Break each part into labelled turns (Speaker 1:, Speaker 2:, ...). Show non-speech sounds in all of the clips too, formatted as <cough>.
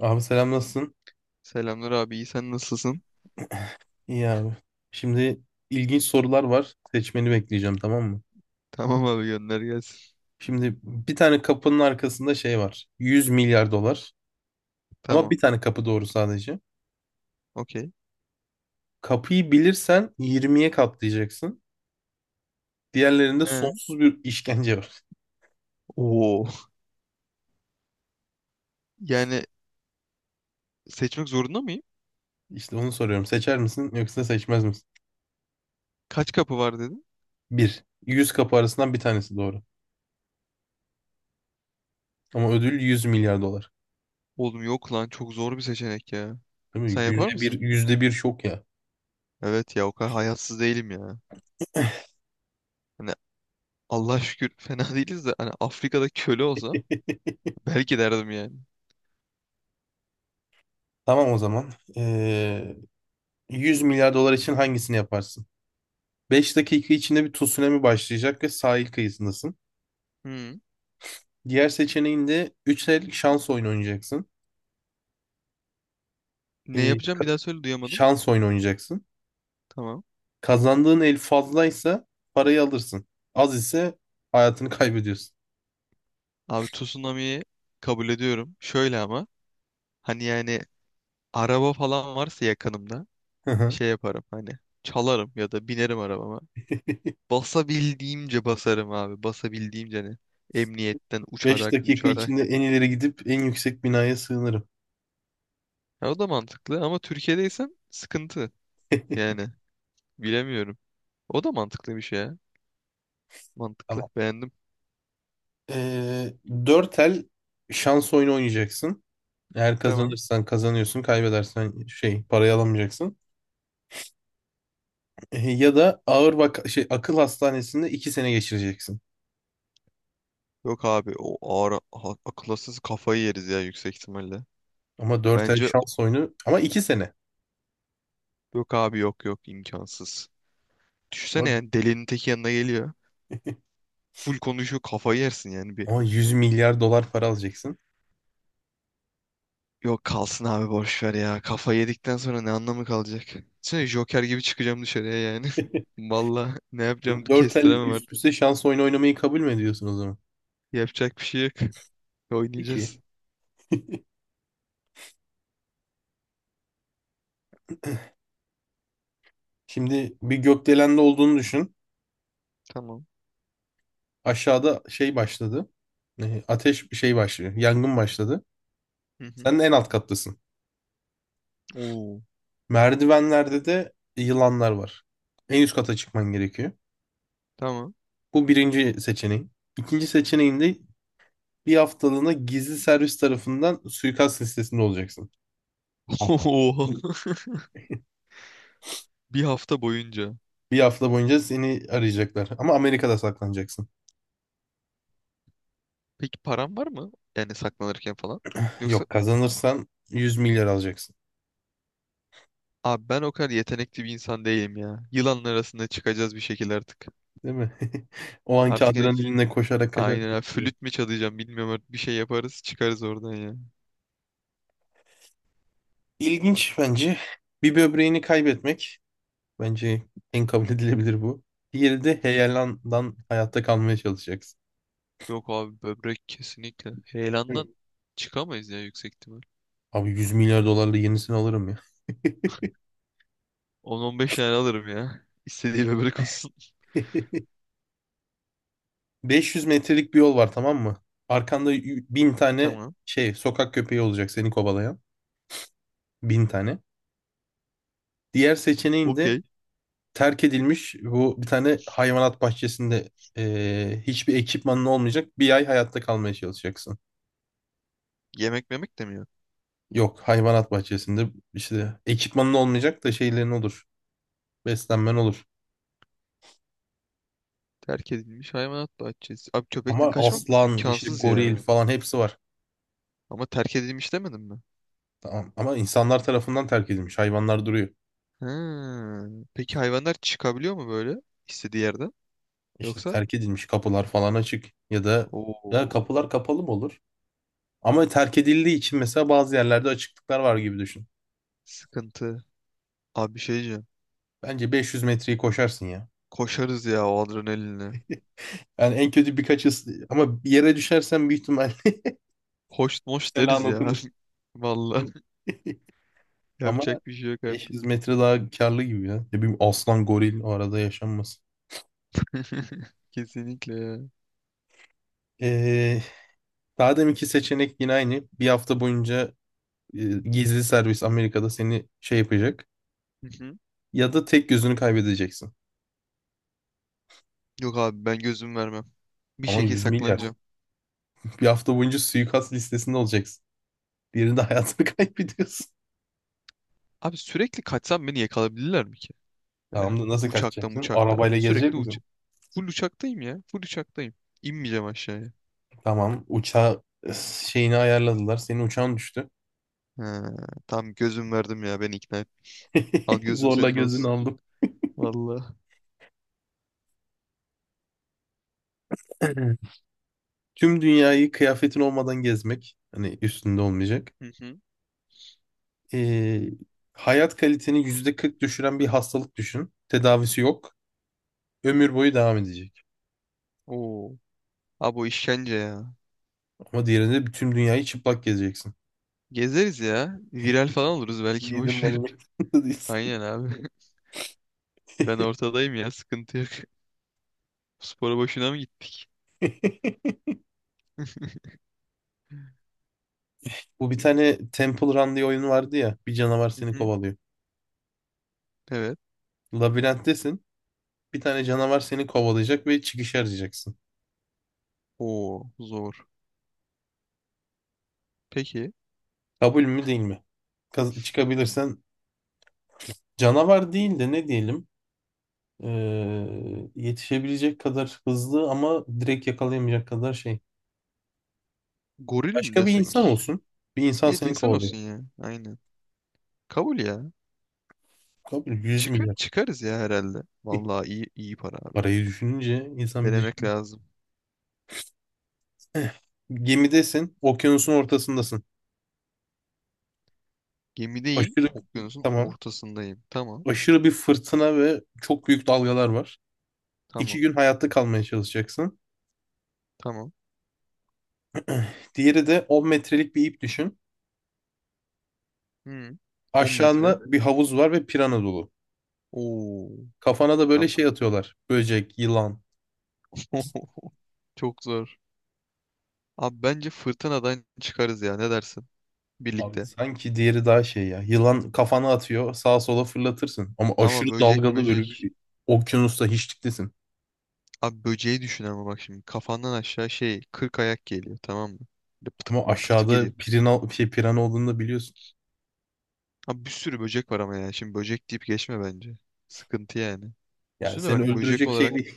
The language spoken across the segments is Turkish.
Speaker 1: Abi selam nasılsın?
Speaker 2: Selamlar abi, iyi, sen nasılsın?
Speaker 1: İyi abi. Şimdi ilginç sorular var. Seçmeni bekleyeceğim tamam mı?
Speaker 2: <laughs> Tamam abi, gönder gelsin.
Speaker 1: Şimdi bir tane kapının arkasında şey var. 100 milyar dolar. Ama bir
Speaker 2: Tamam.
Speaker 1: tane kapı doğru sadece.
Speaker 2: Okey.
Speaker 1: Kapıyı bilirsen 20'ye katlayacaksın. Diğerlerinde
Speaker 2: He.
Speaker 1: sonsuz bir işkence var.
Speaker 2: Oo. Yani Seçmek zorunda mıyım?
Speaker 1: <laughs> İşte onu soruyorum. Seçer misin yoksa seçmez misin?
Speaker 2: Kaç kapı var dedim.
Speaker 1: Bir. 100 kapı arasından bir tanesi doğru. Ama ödül 100 milyar dolar.
Speaker 2: Oğlum yok lan, çok zor bir seçenek ya.
Speaker 1: Değil mi?
Speaker 2: Sen yapar
Speaker 1: Yüzde
Speaker 2: mısın?
Speaker 1: bir, %1 şok ya.
Speaker 2: Evet ya, o kadar hayatsız değilim ya.
Speaker 1: <laughs>
Speaker 2: Hani Allah şükür, <laughs> fena değiliz, de hani Afrika'da köle olsa belki derdim.
Speaker 1: Tamam o zaman. Ee, 100 milyar dolar için hangisini yaparsın? 5 dakika içinde bir tsunami başlayacak ve sahil kıyısındasın.
Speaker 2: Hmm.
Speaker 1: Diğer seçeneğinde 3 el şans oyunu oynayacaksın.
Speaker 2: Ne
Speaker 1: Ee,
Speaker 2: yapacağım, bir daha söyle, duyamadım.
Speaker 1: şans oyunu oynayacaksın.
Speaker 2: Tamam.
Speaker 1: Kazandığın el fazlaysa parayı alırsın. Az ise hayatını kaybediyorsun.
Speaker 2: Abi tsunamiyi kabul ediyorum. Şöyle ama, hani yani araba falan varsa yakınımda şey
Speaker 1: <laughs>
Speaker 2: yaparım, hani çalarım ya da binerim arabama. Basabildiğimce basarım abi. Basabildiğimce emniyetten
Speaker 1: Beş
Speaker 2: uçarak
Speaker 1: dakika
Speaker 2: uçarak.
Speaker 1: içinde en ileri gidip en yüksek binaya sığınırım.
Speaker 2: Ya o da mantıklı ama Türkiye'deysen sıkıntı. Yani Bilemiyorum. O da mantıklı bir şey ya. Mantıklı.
Speaker 1: Tamam.
Speaker 2: Beğendim.
Speaker 1: Ee, 4 el şans oyunu oynayacaksın. Eğer
Speaker 2: Tamam.
Speaker 1: kazanırsan kazanıyorsun, kaybedersen şey parayı alamayacaksın. Ya da ağır vaka şey akıl hastanesinde 2 sene geçireceksin.
Speaker 2: Yok abi, o ağır ha- akılasız kafayı yeriz ya, yüksek ihtimalle.
Speaker 1: Ama 4 ay
Speaker 2: Bence
Speaker 1: şans oyunu ama 2 sene.
Speaker 2: yok abi, yok yok, imkansız. Düşünsene,
Speaker 1: Ama
Speaker 2: delinin teki yanına geliyor. Full konuşuyor, kafayı yersin yani bir.
Speaker 1: ama 100 milyar dolar para alacaksın.
Speaker 2: Yok kalsın abi, boş ver ya. Kafa yedikten sonra ne anlamı kalacak? Sen Joker gibi çıkacağım dışarıya yani.
Speaker 1: <laughs>
Speaker 2: <laughs> Valla ne yapacağım,
Speaker 1: 4 el
Speaker 2: kestiremem
Speaker 1: üst
Speaker 2: artık.
Speaker 1: üste şans oyunu oynamayı kabul mü ediyorsun o zaman?
Speaker 2: Yapacak bir şey yok.
Speaker 1: Peki.
Speaker 2: Oynayacağız.
Speaker 1: Şimdi bir gökdelende olduğunu düşün.
Speaker 2: Tamam.
Speaker 1: Aşağıda şey başladı. Ateş şey başlıyor. Yangın başladı.
Speaker 2: Hı hı.
Speaker 1: Sen de en alt kattasın.
Speaker 2: Oo.
Speaker 1: Merdivenlerde de yılanlar var. En üst kata çıkman gerekiyor.
Speaker 2: Tamam.
Speaker 1: Bu birinci seçeneğin. İkinci seçeneğinde bir haftalığına gizli servis tarafından suikast listesinde olacaksın.
Speaker 2: <laughs> Oo. Bir hafta boyunca.
Speaker 1: Bir hafta boyunca seni arayacaklar. Ama Amerika'da saklanacaksın.
Speaker 2: Peki param var mı? Yani saklanırken falan. Yoksa
Speaker 1: Yok kazanırsan 100 milyar alacaksın.
Speaker 2: abi, ben o kadar yetenekli bir insan değilim ya. Yılanlar arasında çıkacağız bir şekilde artık.
Speaker 1: Değil mi? <laughs> O anki
Speaker 2: Artık f-
Speaker 1: adrenalinle koşarak
Speaker 2: aynen abi,
Speaker 1: kaçarsın.
Speaker 2: flüt mü çalacağım bilmiyorum artık. Bir şey yaparız, çıkarız oradan ya.
Speaker 1: İlginç bence. Bir böbreğini kaybetmek. Bence en kabul edilebilir bu. Diğeri
Speaker 2: Hı
Speaker 1: de
Speaker 2: hı.
Speaker 1: heyelandan hayatta kalmaya çalışacaksın.
Speaker 2: Yok abi, böbrek kesinlikle.
Speaker 1: Hı.
Speaker 2: Heyelandan çıkamayız ya, yüksek ihtimal.
Speaker 1: Abi 100 milyar dolarla yenisini alırım ya.
Speaker 2: 10-15 tane alırım ya. <laughs> İstediği böbrek olsun.
Speaker 1: <laughs> 500 metrelik bir yol var tamam mı? Arkanda bin
Speaker 2: <laughs>
Speaker 1: tane
Speaker 2: Tamam.
Speaker 1: şey sokak köpeği olacak seni kovalayan. 1.000 tane. Diğer seçeneğin de
Speaker 2: Okey.
Speaker 1: terk edilmiş bu bir tane hayvanat bahçesinde hiçbir ekipmanın olmayacak. 1 ay hayatta kalmaya çalışacaksın.
Speaker 2: Yemek memek demiyor.
Speaker 1: Yok hayvanat bahçesinde işte ekipmanın olmayacak da şeylerin olur. Beslenmen olur.
Speaker 2: Terk edilmiş hayvanat bahçesi. Abi köpekten
Speaker 1: Ama
Speaker 2: kaçmak
Speaker 1: aslan işte
Speaker 2: imkansız
Speaker 1: goril
Speaker 2: ya.
Speaker 1: falan hepsi var.
Speaker 2: Ama terk edilmiş demedim mi?
Speaker 1: Tamam. Ama insanlar tarafından terk edilmiş. Hayvanlar duruyor.
Speaker 2: Ha. Peki hayvanlar çıkabiliyor mu böyle istediği yerden?
Speaker 1: İşte
Speaker 2: Yoksa?
Speaker 1: terk edilmiş kapılar falan açık ya da ya
Speaker 2: Oo.
Speaker 1: kapılar kapalı mı olur? Ama terk edildiği için mesela bazı yerlerde açıklıklar var gibi düşün.
Speaker 2: Sıkıntı. Abi bir şey diyeceğim.
Speaker 1: Bence 500 metreyi koşarsın ya.
Speaker 2: Koşarız ya, o adrenalinle.
Speaker 1: Yani en kötü birkaç ama bir yere düşersen büyük ihtimal
Speaker 2: Hoş
Speaker 1: <laughs>
Speaker 2: moş
Speaker 1: selan
Speaker 2: deriz ya.
Speaker 1: okunur.
Speaker 2: <laughs> Vallahi, <laughs>
Speaker 1: Ama
Speaker 2: yapacak bir şey yok artık.
Speaker 1: 500 metre daha karlı gibi ya. Ne bileyim aslan goril o arada yaşanmasın.
Speaker 2: <laughs> Kesinlikle ya.
Speaker 1: Ee, daha deminki seçenek yine aynı. Bir hafta boyunca gizli servis Amerika'da seni şey yapacak.
Speaker 2: Hı hı.
Speaker 1: Ya da tek gözünü kaybedeceksin.
Speaker 2: Yok abi, ben gözüm vermem. Bir
Speaker 1: Ama
Speaker 2: şekilde
Speaker 1: 100 milyar.
Speaker 2: saklanacağım.
Speaker 1: Bir hafta boyunca suikast listesinde olacaksın. Diğerinde hayatını <laughs> kaybediyorsun.
Speaker 2: Abi sürekli kaçsam beni yakalayabilirler mi ki? Böyle
Speaker 1: Tamam da nasıl
Speaker 2: uçakta
Speaker 1: kaçacaksın?
Speaker 2: uçakta.
Speaker 1: Arabayla gezecek
Speaker 2: Sürekli uç,
Speaker 1: misin?
Speaker 2: full uçaktayım ya. Full uçaktayım. İnmeyeceğim aşağıya.
Speaker 1: Tamam. Uçağı şeyini ayarladılar. Senin uçağın düştü.
Speaker 2: Ha, tam gözüm verdim ya, beni ikna et. Al
Speaker 1: <laughs>
Speaker 2: gözüm
Speaker 1: Zorla
Speaker 2: senin
Speaker 1: gözünü
Speaker 2: olsun.
Speaker 1: aldım.
Speaker 2: Vallahi.
Speaker 1: <clears throat> <laughs> Tüm dünyayı kıyafetin olmadan gezmek. Hani üstünde olmayacak.
Speaker 2: Hı hı.
Speaker 1: Ee, hayat kaliteni %40 düşüren bir hastalık düşün. Tedavisi yok. Ömür boyu devam edecek.
Speaker 2: Oo. Abi o işkence ya.
Speaker 1: Ama diğerinde bütün dünyayı çıplak gezeceksin.
Speaker 2: Gezeriz ya. Viral falan oluruz belki,
Speaker 1: Yiğidin
Speaker 2: boş ver. <laughs>
Speaker 1: malı mektubu değilsin.
Speaker 2: Aynen abi. <laughs> Ben ortadayım ya, sıkıntı yok. <laughs> Spora boşuna mı gittik?
Speaker 1: <laughs> Bu bir tane Temple Run diye oyun vardı ya. Bir canavar
Speaker 2: Hı
Speaker 1: seni
Speaker 2: hı.
Speaker 1: kovalıyor.
Speaker 2: Evet.
Speaker 1: Labirenttesin. Bir tane canavar seni kovalayacak ve çıkışı arayacaksın.
Speaker 2: Oo zor. Peki
Speaker 1: Kabul mü değil mi? Çıkabilirsen canavar değil de ne diyelim? Yetişebilecek kadar hızlı ama direkt yakalayamayacak kadar şey.
Speaker 2: goril mi
Speaker 1: Başka bir insan
Speaker 2: desek?
Speaker 1: olsun. Bir insan
Speaker 2: Evet,
Speaker 1: seni
Speaker 2: insan
Speaker 1: kovalıyor.
Speaker 2: olsun ya. Aynen. Kabul ya.
Speaker 1: Kabul 100
Speaker 2: Çıkar,
Speaker 1: milyar.
Speaker 2: çıkarız ya herhalde.
Speaker 1: <laughs>
Speaker 2: Vallahi iyi iyi para abi.
Speaker 1: Parayı düşününce insan bir
Speaker 2: Denemek
Speaker 1: düşünüyor.
Speaker 2: lazım.
Speaker 1: Eh, Gemidesin. Okyanusun ortasındasın.
Speaker 2: Gemideyim.
Speaker 1: Aşırı
Speaker 2: Okyanusun
Speaker 1: tamam.
Speaker 2: ortasındayım. Tamam.
Speaker 1: Aşırı bir fırtına ve çok büyük dalgalar var. İki
Speaker 2: Tamam.
Speaker 1: gün hayatta kalmaya çalışacaksın.
Speaker 2: Tamam.
Speaker 1: <clears throat> Diğeri de 10 metrelik bir ip düşün.
Speaker 2: Hı. 10 metre.
Speaker 1: Aşağında bir havuz var ve pirana dolu.
Speaker 2: Oo.
Speaker 1: Kafana da böyle
Speaker 2: Yap.
Speaker 1: şey atıyorlar. Böcek, yılan.
Speaker 2: <laughs> Çok zor. Abi bence fırtınadan çıkarız ya. Ne dersin?
Speaker 1: Abi
Speaker 2: Birlikte.
Speaker 1: sanki diğeri daha şey ya. Yılan kafana atıyor, sağa sola fırlatırsın. Ama aşırı
Speaker 2: Ama böcek
Speaker 1: dalgalı böyle
Speaker 2: möcek.
Speaker 1: bir okyanusta hiçliktesin.
Speaker 2: Abi böceği düşün ama bak şimdi. Kafandan aşağı şey 40 ayak geliyor, tamam mı? Böyle pıtı
Speaker 1: Ama
Speaker 2: pıtı pıtı.
Speaker 1: aşağıda pirana olduğunu da biliyorsun.
Speaker 2: Abi bir sürü böcek var ama ya. Şimdi böcek deyip geçme bence. Sıkıntı yani.
Speaker 1: Yani
Speaker 2: Şimdi
Speaker 1: seni
Speaker 2: bak, böcek
Speaker 1: öldürecek şey
Speaker 2: olarak
Speaker 1: değil.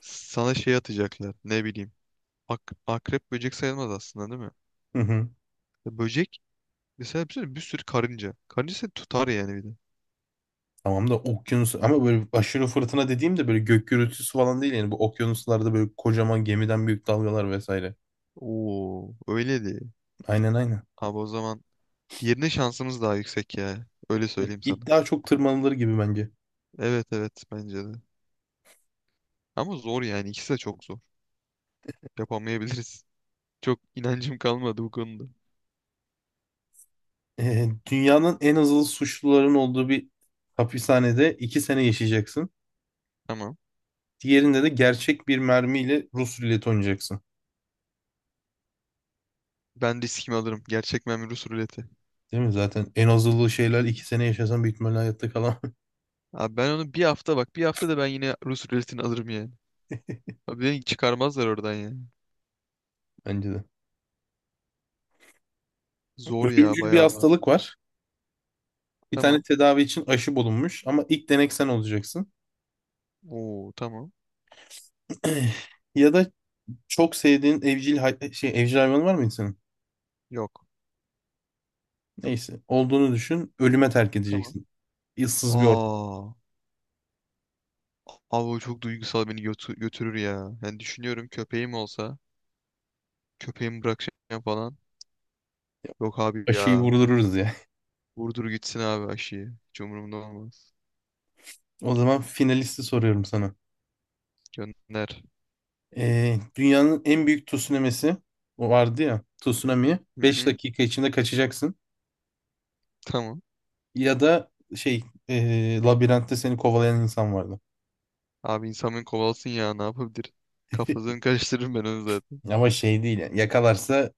Speaker 2: sana şey atacaklar. Ne bileyim. Ak akrep böcek sayılmaz aslında, değil mi?
Speaker 1: <laughs>
Speaker 2: Ya böcek mesela bir sürü karınca. Karınca seni tutar yani bir de.
Speaker 1: Tamam da okyanus ama böyle aşırı fırtına dediğimde böyle gök gürültüsü falan değil yani bu okyanuslarda böyle kocaman gemiden büyük dalgalar vesaire.
Speaker 2: Oo öyle değil.
Speaker 1: Aynen aynen.
Speaker 2: Abi o zaman diğerine şansımız daha yüksek ya. Öyle söyleyeyim
Speaker 1: İp
Speaker 2: sana.
Speaker 1: daha çok tırmanılır gibi bence.
Speaker 2: Evet evet, bence de. Ama zor yani, ikisi de çok zor. Yapamayabiliriz. Çok inancım kalmadı bu konuda.
Speaker 1: Dünyanın en azılı suçluların olduğu bir hapishanede 2 sene yaşayacaksın.
Speaker 2: Tamam.
Speaker 1: Diğerinde de gerçek bir mermiyle Rus ruleti oynayacaksın.
Speaker 2: Ben riskimi alırım. Gerçek memur Rus ruleti.
Speaker 1: Değil mi? Zaten en azılı şeyler 2 sene yaşasan büyük ihtimalle hayatta kalamam
Speaker 2: Abi ben onu bir hafta, bak bir hafta da ben yine Rus ruletini alırım yani. Abi beni çıkarmazlar oradan yani.
Speaker 1: <laughs> bence de.
Speaker 2: Zor ya,
Speaker 1: Ölümcül bir
Speaker 2: bayağı zor.
Speaker 1: hastalık var. Bir tane
Speaker 2: Tamam.
Speaker 1: tedavi için aşı bulunmuş ama ilk denek sen olacaksın.
Speaker 2: Oo tamam.
Speaker 1: <clears throat> Ya da çok sevdiğin evcil evcil hayvanı var mı insanın?
Speaker 2: Yok.
Speaker 1: Neyse. Olduğunu düşün. Ölüme terk
Speaker 2: Tamam.
Speaker 1: edeceksin. Issız bir ortam.
Speaker 2: Aa. Abi o çok duygusal, beni götü- götürür ya. Düşünüyorum köpeğim olsa. Köpeğimi bırakacağım falan. Yok abi
Speaker 1: Aşıyı
Speaker 2: ya.
Speaker 1: vurdururuz ya. <laughs>
Speaker 2: Vurdur gitsin abi aşıyı. Hiç umurumda olmaz.
Speaker 1: O zaman finalisti soruyorum sana.
Speaker 2: Gönder.
Speaker 1: Dünyanın en büyük tsunami'si o vardı ya. Tsunami.
Speaker 2: Hı
Speaker 1: 5
Speaker 2: hı.
Speaker 1: dakika içinde kaçacaksın.
Speaker 2: Tamam.
Speaker 1: Ya da labirentte seni kovalayan insan vardı.
Speaker 2: Abi insan beni kovalasın ya, ne yapabilir? Kafasını karıştırırım ben onu zaten.
Speaker 1: Ama şey değil yani. Yakalarsa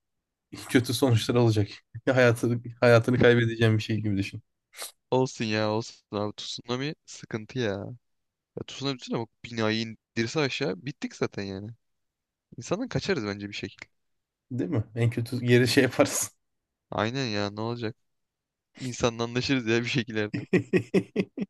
Speaker 1: <laughs> kötü sonuçlar olacak. <laughs> Hayatını kaybedeceğin bir şey gibi düşün.
Speaker 2: Olsun ya, olsun abi. Tsunami sıkıntı ya. Ya tutunabilsin ama binayı indirse aşağı bittik zaten yani. İnsandan kaçarız bence bir şekil.
Speaker 1: Değil mi? En kötü geri şey yaparsın.
Speaker 2: Aynen ya, ne olacak? İnsanla anlaşırız ya bir şekilde artık.
Speaker 1: <laughs>